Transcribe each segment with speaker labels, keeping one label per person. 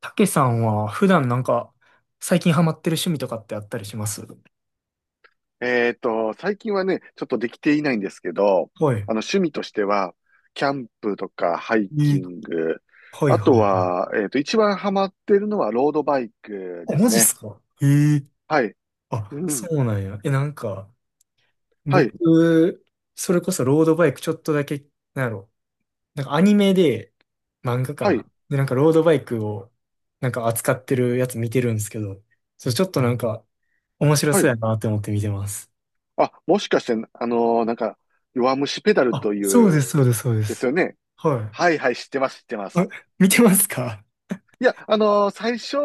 Speaker 1: たけさんは普段なんか最近ハマってる趣味とかってあったりします？
Speaker 2: 最近はね、ちょっとできていないんですけど、
Speaker 1: はい。
Speaker 2: 趣味としては、キャンプとかハイ
Speaker 1: え
Speaker 2: キ
Speaker 1: ー
Speaker 2: ング、
Speaker 1: はい
Speaker 2: あ
Speaker 1: は
Speaker 2: と
Speaker 1: いはい。
Speaker 2: は、一番ハマってるのはロードバイク
Speaker 1: あ、
Speaker 2: で
Speaker 1: マ
Speaker 2: す
Speaker 1: ジっ
Speaker 2: ね。
Speaker 1: すかえー、
Speaker 2: はい。う
Speaker 1: あ、そ
Speaker 2: ん。
Speaker 1: うなんや。え、なんか、
Speaker 2: はい。
Speaker 1: 僕、それこそロードバイクちょっとだけ、なんやろ。なんかアニメで、漫画か
Speaker 2: はい。
Speaker 1: な。で、なんかロードバイクを、なんか扱ってるやつ見てるんですけど、それちょっとなんか面白
Speaker 2: は
Speaker 1: そう
Speaker 2: い。
Speaker 1: やなって思って見てます。
Speaker 2: あ、もしかして、弱虫ペダル
Speaker 1: あ、
Speaker 2: とい
Speaker 1: そうで
Speaker 2: う、
Speaker 1: す、そうです、そうで
Speaker 2: です
Speaker 1: す。
Speaker 2: よね。
Speaker 1: は
Speaker 2: はいはい、知ってます、知ってま
Speaker 1: い。あ、
Speaker 2: す。
Speaker 1: 見てますか？
Speaker 2: いや、最初、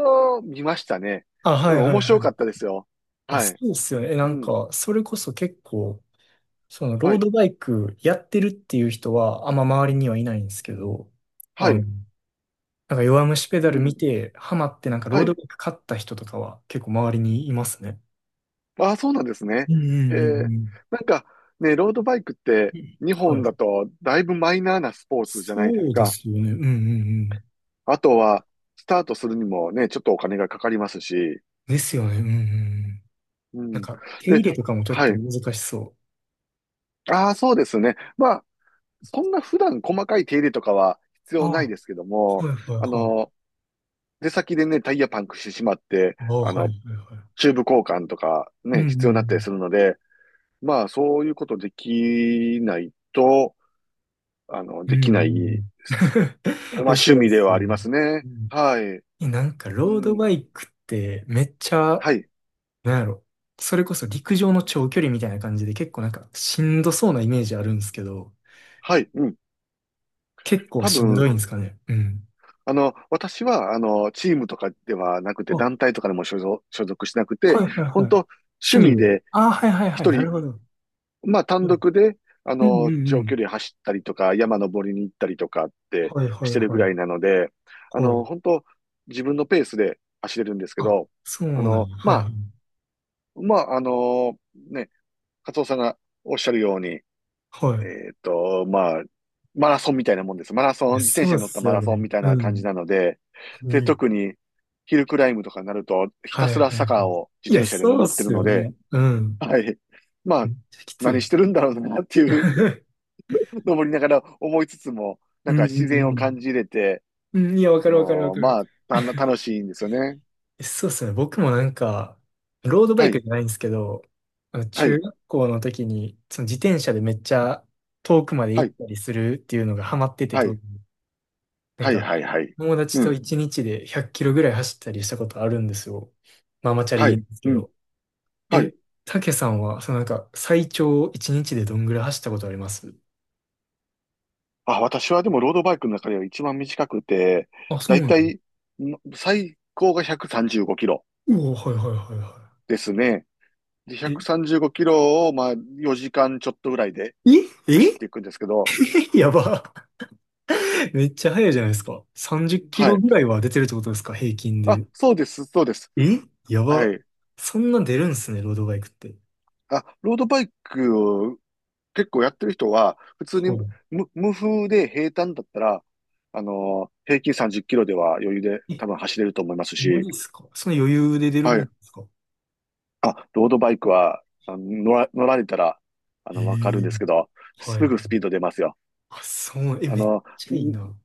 Speaker 2: 見ましたね。
Speaker 1: あ、は
Speaker 2: う
Speaker 1: い
Speaker 2: ん、
Speaker 1: はい
Speaker 2: 面
Speaker 1: は
Speaker 2: 白か
Speaker 1: い。
Speaker 2: ったですよ。
Speaker 1: あ、
Speaker 2: は
Speaker 1: そ
Speaker 2: い。
Speaker 1: うですよね。え、な
Speaker 2: う
Speaker 1: ん
Speaker 2: ん。
Speaker 1: か、それこそ結構、その、
Speaker 2: は
Speaker 1: ロー
Speaker 2: い。
Speaker 1: ドバイクやってるっていう人は、あんま周りにはいないんですけど、
Speaker 2: は
Speaker 1: あの、
Speaker 2: い。
Speaker 1: なんか弱虫ペ
Speaker 2: う
Speaker 1: ダル見
Speaker 2: ん。
Speaker 1: て、ハマって、なんかロ
Speaker 2: は
Speaker 1: ード
Speaker 2: い。
Speaker 1: バイク買った人とかは結構周りにいますね。
Speaker 2: ああ、そうなんです
Speaker 1: う
Speaker 2: ね。
Speaker 1: んう
Speaker 2: へ
Speaker 1: ん
Speaker 2: え。
Speaker 1: うん
Speaker 2: なんかね、ロードバイクって
Speaker 1: うん。
Speaker 2: 日
Speaker 1: は
Speaker 2: 本だ
Speaker 1: い。
Speaker 2: とだいぶマイナーなスポーツじゃないです
Speaker 1: そうで
Speaker 2: か。
Speaker 1: すよね。うんうんうん。
Speaker 2: あとは、スタートするにもね、ちょっとお金がかかりますし。
Speaker 1: ですよね。うんうんうん。
Speaker 2: う
Speaker 1: なん
Speaker 2: ん。
Speaker 1: か、手入
Speaker 2: で、
Speaker 1: れとかもちょっ
Speaker 2: は
Speaker 1: と
Speaker 2: い。
Speaker 1: 難しそ
Speaker 2: ああ、そうですね。まあ、そんな普段細かい手入れとかは必
Speaker 1: うあ
Speaker 2: 要ない
Speaker 1: あ、
Speaker 2: ですけど
Speaker 1: う。
Speaker 2: も、
Speaker 1: はいはい
Speaker 2: あ
Speaker 1: はい。
Speaker 2: の、出先でね、タイヤパンクしてしまって、
Speaker 1: ああ、
Speaker 2: あ
Speaker 1: はいは
Speaker 2: の、
Speaker 1: いはい。
Speaker 2: チューブ交換とか
Speaker 1: うん
Speaker 2: ね、
Speaker 1: うん
Speaker 2: 必
Speaker 1: う
Speaker 2: 要になったりす
Speaker 1: ん。
Speaker 2: るので、まあ、そういうことできないと、あの、
Speaker 1: う
Speaker 2: で
Speaker 1: んう
Speaker 2: き
Speaker 1: ん
Speaker 2: な
Speaker 1: う
Speaker 2: い
Speaker 1: ん。
Speaker 2: まあ、
Speaker 1: いや、そ
Speaker 2: 趣
Speaker 1: うで
Speaker 2: 味で
Speaker 1: す
Speaker 2: は
Speaker 1: よ
Speaker 2: ありま
Speaker 1: ね。
Speaker 2: す
Speaker 1: う
Speaker 2: ね。
Speaker 1: ん。
Speaker 2: はい。
Speaker 1: え、なんか、
Speaker 2: う
Speaker 1: ロード
Speaker 2: ん。
Speaker 1: バイクって、めっちゃ、
Speaker 2: はい。
Speaker 1: なんやろ。それこそ陸上の長距離みたいな感じで、結構なんか、しんどそうなイメージあるんですけど、
Speaker 2: はい。うん。
Speaker 1: 結構
Speaker 2: 多
Speaker 1: しんど
Speaker 2: 分、
Speaker 1: いんですかね。うん。
Speaker 2: 私は、チームとかではなく
Speaker 1: あ、
Speaker 2: て、
Speaker 1: は
Speaker 2: 団体とかでも所属しなく
Speaker 1: いは
Speaker 2: て、
Speaker 1: い
Speaker 2: 本
Speaker 1: はい。
Speaker 2: 当趣
Speaker 1: 趣味
Speaker 2: 味
Speaker 1: で。
Speaker 2: で、
Speaker 1: あ、はいはいはい。
Speaker 2: 一
Speaker 1: な
Speaker 2: 人、
Speaker 1: るほど。
Speaker 2: まあ、単
Speaker 1: うん
Speaker 2: 独で、
Speaker 1: うんうんう
Speaker 2: 長距
Speaker 1: ん。
Speaker 2: 離走ったりとか、山登りに行ったりとかって
Speaker 1: はいは
Speaker 2: し
Speaker 1: い
Speaker 2: てるぐ
Speaker 1: はい。
Speaker 2: らいなので、
Speaker 1: はい。
Speaker 2: 本当自分のペースで走れるんですけ
Speaker 1: あ、
Speaker 2: ど、
Speaker 1: そ
Speaker 2: あ
Speaker 1: うなん
Speaker 2: の、
Speaker 1: や。
Speaker 2: ま
Speaker 1: はいは
Speaker 2: あ、
Speaker 1: い。
Speaker 2: まあ、あの、ね、カツオさんがおっしゃるように、
Speaker 1: はい。
Speaker 2: まあ、マラソンみたいなもんです。マラ
Speaker 1: い
Speaker 2: ソ
Speaker 1: や、
Speaker 2: ン、自転
Speaker 1: そう
Speaker 2: 車
Speaker 1: っ
Speaker 2: に乗った
Speaker 1: す
Speaker 2: マ
Speaker 1: よ
Speaker 2: ラソ
Speaker 1: ね。
Speaker 2: ンみたい
Speaker 1: う
Speaker 2: な感じ
Speaker 1: ん。
Speaker 2: なので、で、
Speaker 1: ね。
Speaker 2: 特にヒルクライムとかになると、ひた
Speaker 1: はい
Speaker 2: す
Speaker 1: はい、
Speaker 2: ら坂を自
Speaker 1: いや、
Speaker 2: 転車で
Speaker 1: そうっ
Speaker 2: 登って
Speaker 1: す
Speaker 2: るの
Speaker 1: よ
Speaker 2: で、
Speaker 1: ね。うん。
Speaker 2: はい。ま
Speaker 1: め
Speaker 2: あ、
Speaker 1: っちゃきつ
Speaker 2: 何し
Speaker 1: い。
Speaker 2: てるんだろうなっていう、登りながら思いつつも、な
Speaker 1: う
Speaker 2: んか
Speaker 1: んう
Speaker 2: 自然
Speaker 1: ん
Speaker 2: を
Speaker 1: う
Speaker 2: 感
Speaker 1: ん。
Speaker 2: じれて、
Speaker 1: うん、いや、わ
Speaker 2: あ
Speaker 1: かるわかるわ
Speaker 2: のー
Speaker 1: か
Speaker 2: ま
Speaker 1: る。
Speaker 2: あ、た楽しいんですよね。
Speaker 1: そうっすね。僕もなんか、ロードバ
Speaker 2: は
Speaker 1: イク
Speaker 2: い、
Speaker 1: じゃないんですけど、あの
Speaker 2: は
Speaker 1: 中
Speaker 2: い、
Speaker 1: 学校の時に、その自転車でめっちゃ遠くまで
Speaker 2: は
Speaker 1: 行っ
Speaker 2: い、
Speaker 1: たりするっていうのがハマってて、
Speaker 2: は
Speaker 1: 当
Speaker 2: い、
Speaker 1: 時なん
Speaker 2: はい、
Speaker 1: か、
Speaker 2: はい、はい。
Speaker 1: 友達
Speaker 2: う
Speaker 1: と
Speaker 2: ん、
Speaker 1: 一日で100キロぐらい走ったりしたことあるんですよ。ママチャ
Speaker 2: は
Speaker 1: リ
Speaker 2: い、
Speaker 1: です
Speaker 2: う
Speaker 1: け
Speaker 2: ん、
Speaker 1: ど。
Speaker 2: はい。
Speaker 1: え、たけさんは、そのなんか、最長一日でどんぐらい走ったことあります？
Speaker 2: あ、私はでもロードバイクの中では一番短くて、
Speaker 1: あ、そ
Speaker 2: だ
Speaker 1: う
Speaker 2: い
Speaker 1: なの、
Speaker 2: たいん最高が135キロ
Speaker 1: おお、はいはいはいは
Speaker 2: ですね。で、
Speaker 1: い。
Speaker 2: 135キロを、まあ、4時間ちょっとぐらいで
Speaker 1: え、え、
Speaker 2: 走っていくんですけど、
Speaker 1: え、やば。めっちゃ速いじゃないですか。30キ
Speaker 2: は
Speaker 1: ロ
Speaker 2: い。
Speaker 1: ぐらいは出てるってことですか、平均
Speaker 2: あ、
Speaker 1: で。
Speaker 2: そうです、そうです。
Speaker 1: え、や
Speaker 2: は
Speaker 1: ば。
Speaker 2: い。
Speaker 1: そんな出るんすね、ロードバイクって。
Speaker 2: あ、ロードバイクを結構やってる人は、普通に
Speaker 1: は
Speaker 2: 無風で平坦だったら、平均30キロでは余裕で
Speaker 1: い。
Speaker 2: 多分走れると思います
Speaker 1: え、マ
Speaker 2: し、
Speaker 1: ジっすか。その余裕で出る
Speaker 2: は
Speaker 1: もん
Speaker 2: い。
Speaker 1: ですか。
Speaker 2: あ、ロードバイクは、乗られたら、
Speaker 1: え
Speaker 2: わかるん
Speaker 1: え、
Speaker 2: ですけど、
Speaker 1: はい
Speaker 2: す
Speaker 1: は
Speaker 2: ぐスピー
Speaker 1: い。
Speaker 2: ド出ますよ。
Speaker 1: あ、そう、え、
Speaker 2: あ
Speaker 1: めっ
Speaker 2: の、
Speaker 1: ちゃいい
Speaker 2: ん
Speaker 1: な。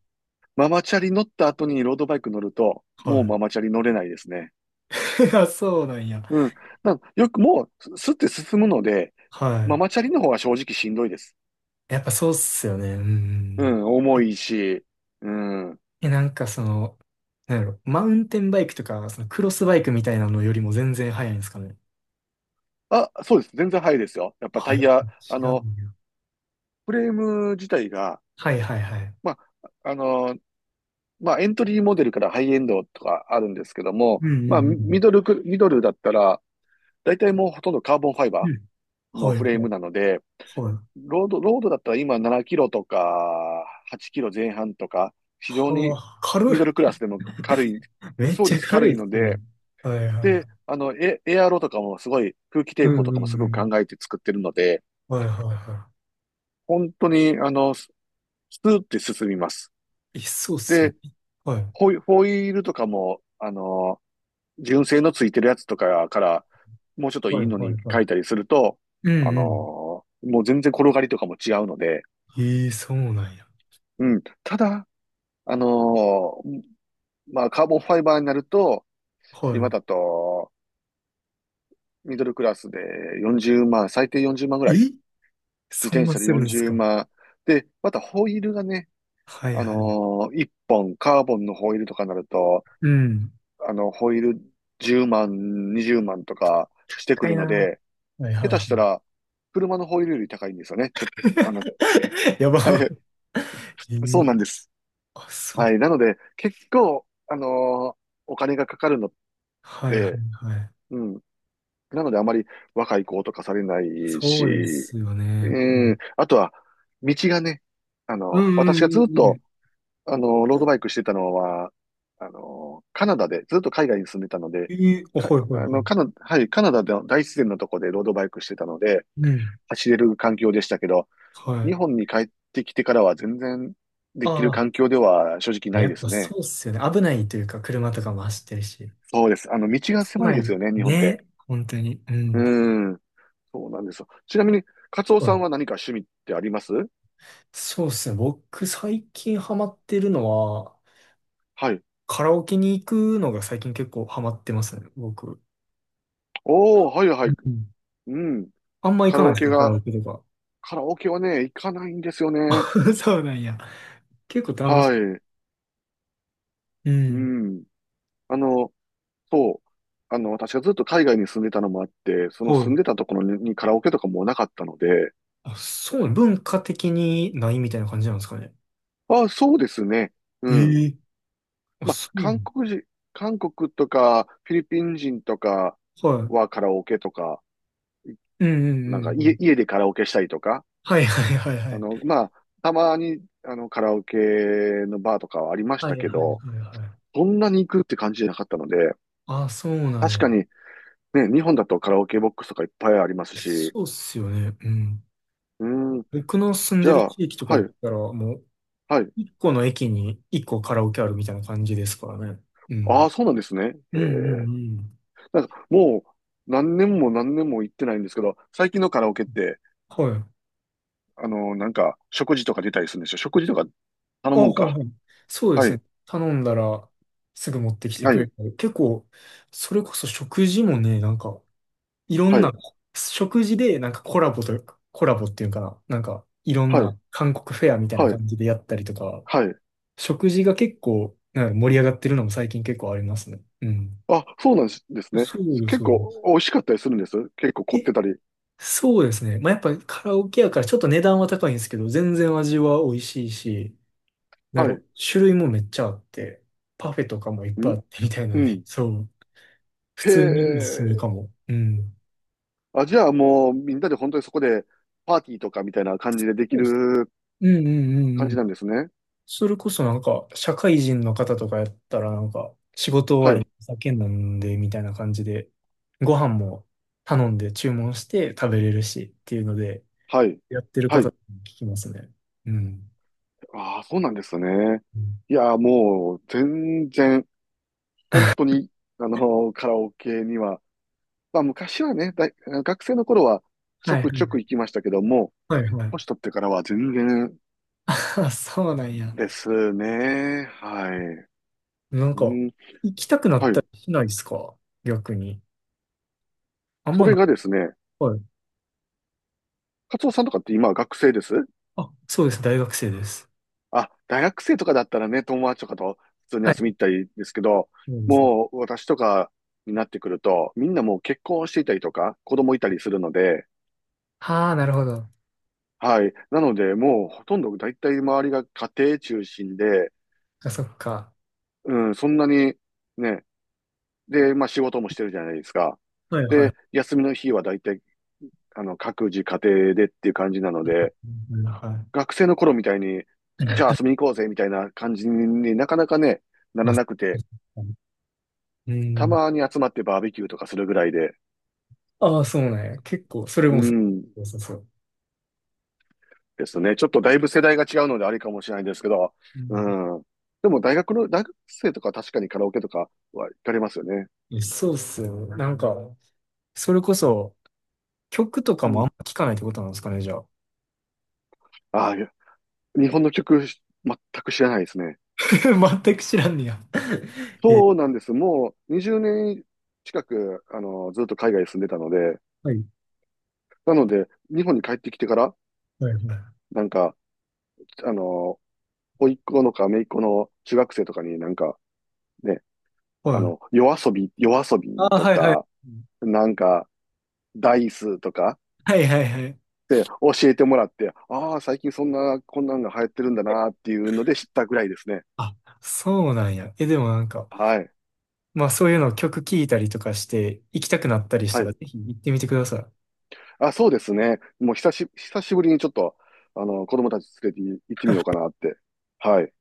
Speaker 2: ママチャリ乗った後にロードバイク乗ると、
Speaker 1: は
Speaker 2: もう
Speaker 1: い。
Speaker 2: ママチャリ乗れないですね。
Speaker 1: あ、そうなんや。
Speaker 2: うん。なよくもう、すすって進むので、マ
Speaker 1: は
Speaker 2: マチャリの方が正直しんどいです。
Speaker 1: い。やっぱそうっすよね。うんうんう
Speaker 2: う
Speaker 1: ん。
Speaker 2: ん、重いし、うん。
Speaker 1: え、なんかその、なんやろ、マウンテンバイクとか、そのクロスバイクみたいなのよりも全然速いんですかね。
Speaker 2: あ、そうです。全然速いですよ。やっぱ
Speaker 1: は
Speaker 2: タ
Speaker 1: や、
Speaker 2: イ
Speaker 1: 違
Speaker 2: ヤ、
Speaker 1: うんや。
Speaker 2: フレーム自体が、
Speaker 1: はいはいはい。
Speaker 2: まあ、あの、まあ、エントリーモデルからハイエンドとかあるんですけども、
Speaker 1: うんう
Speaker 2: まあ、
Speaker 1: ん
Speaker 2: ミドルだったら、大体もうほとんどカーボンファイ
Speaker 1: うん。
Speaker 2: バ
Speaker 1: うん、
Speaker 2: ーの
Speaker 1: はいは
Speaker 2: フ
Speaker 1: い
Speaker 2: レームなので、
Speaker 1: はい。
Speaker 2: ロードだったら今7キロとか8キロ前半とか、非常に
Speaker 1: はあ、軽い。
Speaker 2: ミドルクラスでも軽い、
Speaker 1: めっ
Speaker 2: そう
Speaker 1: ち
Speaker 2: で
Speaker 1: ゃ
Speaker 2: す、
Speaker 1: 軽
Speaker 2: 軽
Speaker 1: い
Speaker 2: い
Speaker 1: っす
Speaker 2: の
Speaker 1: ね。
Speaker 2: で、
Speaker 1: はいはいは
Speaker 2: で、
Speaker 1: い。
Speaker 2: エアロとかもすごい空気
Speaker 1: う
Speaker 2: 抵抗
Speaker 1: ん
Speaker 2: とか
Speaker 1: う
Speaker 2: もすご
Speaker 1: んう
Speaker 2: く考
Speaker 1: ん。
Speaker 2: えて作ってるので、
Speaker 1: はいはいは
Speaker 2: 本当に、スーって進みます。
Speaker 1: い。え、そうっすよ
Speaker 2: で、
Speaker 1: ね。はい。
Speaker 2: ホイールとかも、純正のついてるやつとかから、もうちょっと
Speaker 1: は
Speaker 2: い
Speaker 1: い
Speaker 2: いの
Speaker 1: はい
Speaker 2: に
Speaker 1: は
Speaker 2: 書いた
Speaker 1: い。
Speaker 2: りすると、
Speaker 1: う
Speaker 2: あ
Speaker 1: ん
Speaker 2: の
Speaker 1: うん。
Speaker 2: もう全然転がりとかも違うので、
Speaker 1: ええ、そうなんや。
Speaker 2: うん。ただ、あのーまあ、カーボンファイバーになると、今
Speaker 1: は
Speaker 2: だと、ミドルクラスで40万、最低40万ぐらい、
Speaker 1: い。
Speaker 2: 自
Speaker 1: え、そん
Speaker 2: 転
Speaker 1: な
Speaker 2: 車で
Speaker 1: するんす
Speaker 2: 40
Speaker 1: か。
Speaker 2: 万。で、またホイールがね、
Speaker 1: はいはい。
Speaker 2: 1本カーボンのホイールとかになると、
Speaker 1: うん。
Speaker 2: ホイール10万、20万とかしてく
Speaker 1: か
Speaker 2: る
Speaker 1: い
Speaker 2: の
Speaker 1: な。
Speaker 2: で、
Speaker 1: はいは
Speaker 2: 下
Speaker 1: い
Speaker 2: 手
Speaker 1: はい。
Speaker 2: したら、車のホイールより高いんですよね。ちょ、あの、
Speaker 1: やば。
Speaker 2: はい。
Speaker 1: え
Speaker 2: そう
Speaker 1: ー
Speaker 2: なんです。
Speaker 1: あ、そう。
Speaker 2: はい。なので、結構、お金がかかるの
Speaker 1: はいはい
Speaker 2: で、
Speaker 1: はい。
Speaker 2: うん。なので、あまり若い子とかされないし、
Speaker 1: そうですよね。う
Speaker 2: うん。
Speaker 1: ん。
Speaker 2: あとは、道がね、
Speaker 1: うんう
Speaker 2: 私
Speaker 1: ん
Speaker 2: が
Speaker 1: う
Speaker 2: ずっ
Speaker 1: んう
Speaker 2: と、
Speaker 1: ん。
Speaker 2: ロードバイクしてたのは、カナダで、ずっと海外に住んでたので、
Speaker 1: えー、あ、
Speaker 2: か、
Speaker 1: はいはい
Speaker 2: あ
Speaker 1: はい。
Speaker 2: の、カナ、はい、カナダの大自然のとこでロードバイクしてたので、
Speaker 1: うん。
Speaker 2: 走れる環境でしたけど、
Speaker 1: は
Speaker 2: 日
Speaker 1: い。
Speaker 2: 本に帰ってきてからは全然で
Speaker 1: あ
Speaker 2: きる
Speaker 1: あ、
Speaker 2: 環境では正直な
Speaker 1: や
Speaker 2: いで
Speaker 1: っぱ
Speaker 2: す
Speaker 1: そ
Speaker 2: ね。
Speaker 1: うっすよね。危ないというか、車とかも走ってるし。
Speaker 2: そうです。あの、道が狭い
Speaker 1: 狭
Speaker 2: です
Speaker 1: い。
Speaker 2: よね、日本っ
Speaker 1: ね。
Speaker 2: て。
Speaker 1: 本当に。う
Speaker 2: う
Speaker 1: ん。
Speaker 2: ーん。そうなんですよ。ちなみに、カツオ
Speaker 1: う
Speaker 2: さん
Speaker 1: ん、
Speaker 2: は何か趣味ってあります
Speaker 1: そうっすね。僕、最近ハマってるのは、
Speaker 2: はい。
Speaker 1: カラオケに行くのが最近結構ハマってますね。僕。
Speaker 2: おー、はいはい。
Speaker 1: うん、
Speaker 2: うん。
Speaker 1: あんま行
Speaker 2: カ
Speaker 1: か
Speaker 2: ラ
Speaker 1: な
Speaker 2: オ
Speaker 1: いです
Speaker 2: ケ
Speaker 1: か、カラ
Speaker 2: が、
Speaker 1: オケとか。
Speaker 2: カラオケはね、行かないんですよね。
Speaker 1: そうなんや。結構楽し
Speaker 2: はい。
Speaker 1: い、う
Speaker 2: う
Speaker 1: ん。
Speaker 2: ん。あの、そう。私がずっと海外に住んでたのもあって、その
Speaker 1: は
Speaker 2: 住ん
Speaker 1: い。
Speaker 2: でたところに、カラオケとかもなかったので、
Speaker 1: あ、そう、文化的にないみたいな感じなんですかね。
Speaker 2: あ、そうですね。うん。
Speaker 1: ええ。あ、
Speaker 2: ま
Speaker 1: そ
Speaker 2: あ、
Speaker 1: う。
Speaker 2: 韓国とか、フィリピン人とか
Speaker 1: はい。
Speaker 2: はカラオケとか、い
Speaker 1: うんうん
Speaker 2: なん
Speaker 1: うんう
Speaker 2: か
Speaker 1: ん。
Speaker 2: 家でカラオケしたりとか、
Speaker 1: はいはいはいは
Speaker 2: あ
Speaker 1: い。
Speaker 2: の、まあ、たまに、カラオケのバーとかはありまし
Speaker 1: は
Speaker 2: た
Speaker 1: い
Speaker 2: け
Speaker 1: はい
Speaker 2: ど、
Speaker 1: はいはい。
Speaker 2: そんなに行くって感じじゃなかったので、
Speaker 1: あ、そうなん
Speaker 2: 確
Speaker 1: や。
Speaker 2: かに、ね、日本だとカラオケボックスとかいっぱいありますし、う
Speaker 1: そうっすよね。うん。
Speaker 2: ーん、
Speaker 1: 僕の住ん
Speaker 2: じ
Speaker 1: で
Speaker 2: ゃ
Speaker 1: る
Speaker 2: あ、
Speaker 1: 地域とか
Speaker 2: は
Speaker 1: やっ
Speaker 2: い、
Speaker 1: たら、もう、
Speaker 2: はい。
Speaker 1: 一個の駅に一個カラオケあるみたいな感じですからね。う
Speaker 2: あ
Speaker 1: ん。
Speaker 2: あ、そうなんですね。へ
Speaker 1: うんうんう
Speaker 2: え。
Speaker 1: ん。
Speaker 2: なんか、もう、何年も何年も行ってないんですけど、最近のカラオケって、
Speaker 1: はい。
Speaker 2: 食事とか出たりするんでしょ食事とか頼
Speaker 1: あ、
Speaker 2: むん
Speaker 1: はい
Speaker 2: か。
Speaker 1: はい。そうで
Speaker 2: は
Speaker 1: す
Speaker 2: い。
Speaker 1: ね。頼んだらすぐ持ってきて
Speaker 2: ラ
Speaker 1: く
Speaker 2: イ
Speaker 1: れ
Speaker 2: ン。
Speaker 1: たり。結構、それこそ食事もね、なんか、いろ
Speaker 2: は
Speaker 1: んな、
Speaker 2: い。
Speaker 1: 食事でなんかコラボというか、コラボっていうのかな。なんか、いろん
Speaker 2: はい。
Speaker 1: な韓国フェアみたいな
Speaker 2: はい。
Speaker 1: 感じでやったりとか、
Speaker 2: はい。
Speaker 1: 食事が結構、なんか盛り上がってるのも最近結構ありますね。うん。
Speaker 2: あ、そうなんですね。
Speaker 1: そうです、
Speaker 2: 結
Speaker 1: そうです。
Speaker 2: 構美味しかったりするんです。結構凝っ
Speaker 1: え、
Speaker 2: てたり。
Speaker 1: そうですね。まあ、やっぱカラオケやからちょっと値段は高いんですけど、全然味は美味しいし、な
Speaker 2: は
Speaker 1: る
Speaker 2: い。
Speaker 1: 種類もめっちゃあって、パフェとかもいっぱいあ
Speaker 2: ん
Speaker 1: ってみたいな
Speaker 2: う
Speaker 1: んで、
Speaker 2: ん。
Speaker 1: そう。普
Speaker 2: へ
Speaker 1: 通におすすめか
Speaker 2: え。
Speaker 1: も。うん。
Speaker 2: あ、じゃあもうみんなで本当にそこでパーティーとかみたいな感じでで
Speaker 1: そ
Speaker 2: き
Speaker 1: うっす、
Speaker 2: る
Speaker 1: うんうんう
Speaker 2: 感
Speaker 1: んう
Speaker 2: じ
Speaker 1: ん。
Speaker 2: なんですね。
Speaker 1: それこそなんか、社会人の方とかやったらなんか、仕事
Speaker 2: は
Speaker 1: 終わり
Speaker 2: い。
Speaker 1: にお酒飲んでみたいな感じで、ご飯も頼んで注文して食べれるしっていうので、
Speaker 2: はい。
Speaker 1: やってる
Speaker 2: は
Speaker 1: 方
Speaker 2: い。
Speaker 1: に聞きますね。うん。
Speaker 2: ああ、そうなんですね。
Speaker 1: うん
Speaker 2: いやー、もう全然、本当 に、カラオケにはまあ昔はね、大学生の頃はちょ
Speaker 1: はいは
Speaker 2: くちょ
Speaker 1: い
Speaker 2: く行きましたけども、
Speaker 1: はいは
Speaker 2: 年
Speaker 1: い。
Speaker 2: 取ってからは全然
Speaker 1: あ、そうなんや。
Speaker 2: ですね。はい。
Speaker 1: なん
Speaker 2: う
Speaker 1: か、
Speaker 2: ん。
Speaker 1: 行きたくなっ
Speaker 2: は
Speaker 1: た
Speaker 2: い。
Speaker 1: りしないですか逆に。あん
Speaker 2: そ
Speaker 1: まな
Speaker 2: れ
Speaker 1: い、
Speaker 2: がですね、
Speaker 1: はい。
Speaker 2: カツオさんとかって今は学生です
Speaker 1: あ、そうです。大学生です。
Speaker 2: あ、大学生とかだったらね、友達とかと普通に
Speaker 1: は
Speaker 2: 遊
Speaker 1: い。
Speaker 2: びに行ったりですけど、
Speaker 1: そうですね。
Speaker 2: もう私とかになってくると、みんなもう結婚していたりとか、子供いたりするので、
Speaker 1: ああ、なるほど。
Speaker 2: はい。なので、もうほとんど大体周りが家庭中心で、
Speaker 1: あ、そっか。
Speaker 2: うん、そんなにね、で、まあ仕事もしてるじゃないですか。
Speaker 1: はいはい。
Speaker 2: で、休みの日は大体、各自家庭でっていう感じなので、
Speaker 1: うん、は
Speaker 2: 学生の頃みたいに、じゃ
Speaker 1: い。
Speaker 2: あ遊びに行こうぜみたいな感じになかなかね、な
Speaker 1: ま
Speaker 2: ら
Speaker 1: あ、そう
Speaker 2: なく
Speaker 1: で
Speaker 2: て、
Speaker 1: すね、う
Speaker 2: た
Speaker 1: ん。
Speaker 2: まに集まってバーベキューとかするぐらいで、
Speaker 1: ああ、そうね。結構、それ
Speaker 2: う
Speaker 1: もそ
Speaker 2: ん、
Speaker 1: う。そうそう。
Speaker 2: ですね。ちょっとだいぶ世代が違うのであれかもしれないですけど、
Speaker 1: う
Speaker 2: う
Speaker 1: ん、
Speaker 2: ん。でも大学生とか確かにカラオケとかは行かれますよね。
Speaker 1: そうっすよね。なんか、それこそ、曲とか
Speaker 2: う
Speaker 1: もあん
Speaker 2: ん。
Speaker 1: ま聞かないってことなんですかね、じゃあ。
Speaker 2: ああ、いや日本の曲全く知らないですね。
Speaker 1: 全く知らんねや。え、
Speaker 2: そうなんです。もう20年近く、ずっと海外に住んでたので、
Speaker 1: はい。
Speaker 2: なので、日本に帰ってきてから、
Speaker 1: はいはい。
Speaker 2: なんか、あの、甥っ子のか姪っ子の中学生とかになんか、ね、
Speaker 1: はい。
Speaker 2: 夜遊び
Speaker 1: ああ、
Speaker 2: と
Speaker 1: はいはい。
Speaker 2: か、なんか、ダイスとか
Speaker 1: はいはいはい。
Speaker 2: って教えてもらって、ああ、最近そんな、こんなんが流行ってるんだなっていうので知ったぐらいですね。
Speaker 1: あ、そうなんや。え、でもなんか、
Speaker 2: はい。
Speaker 1: まあそういうのを曲聴いたりとかして行きたくなったりし
Speaker 2: は
Speaker 1: たら
Speaker 2: い。
Speaker 1: ぜひ行ってみてください。
Speaker 2: あ、そうですね。もう久しぶりにちょっと、子供たち連れて行ってみようかなって。はい。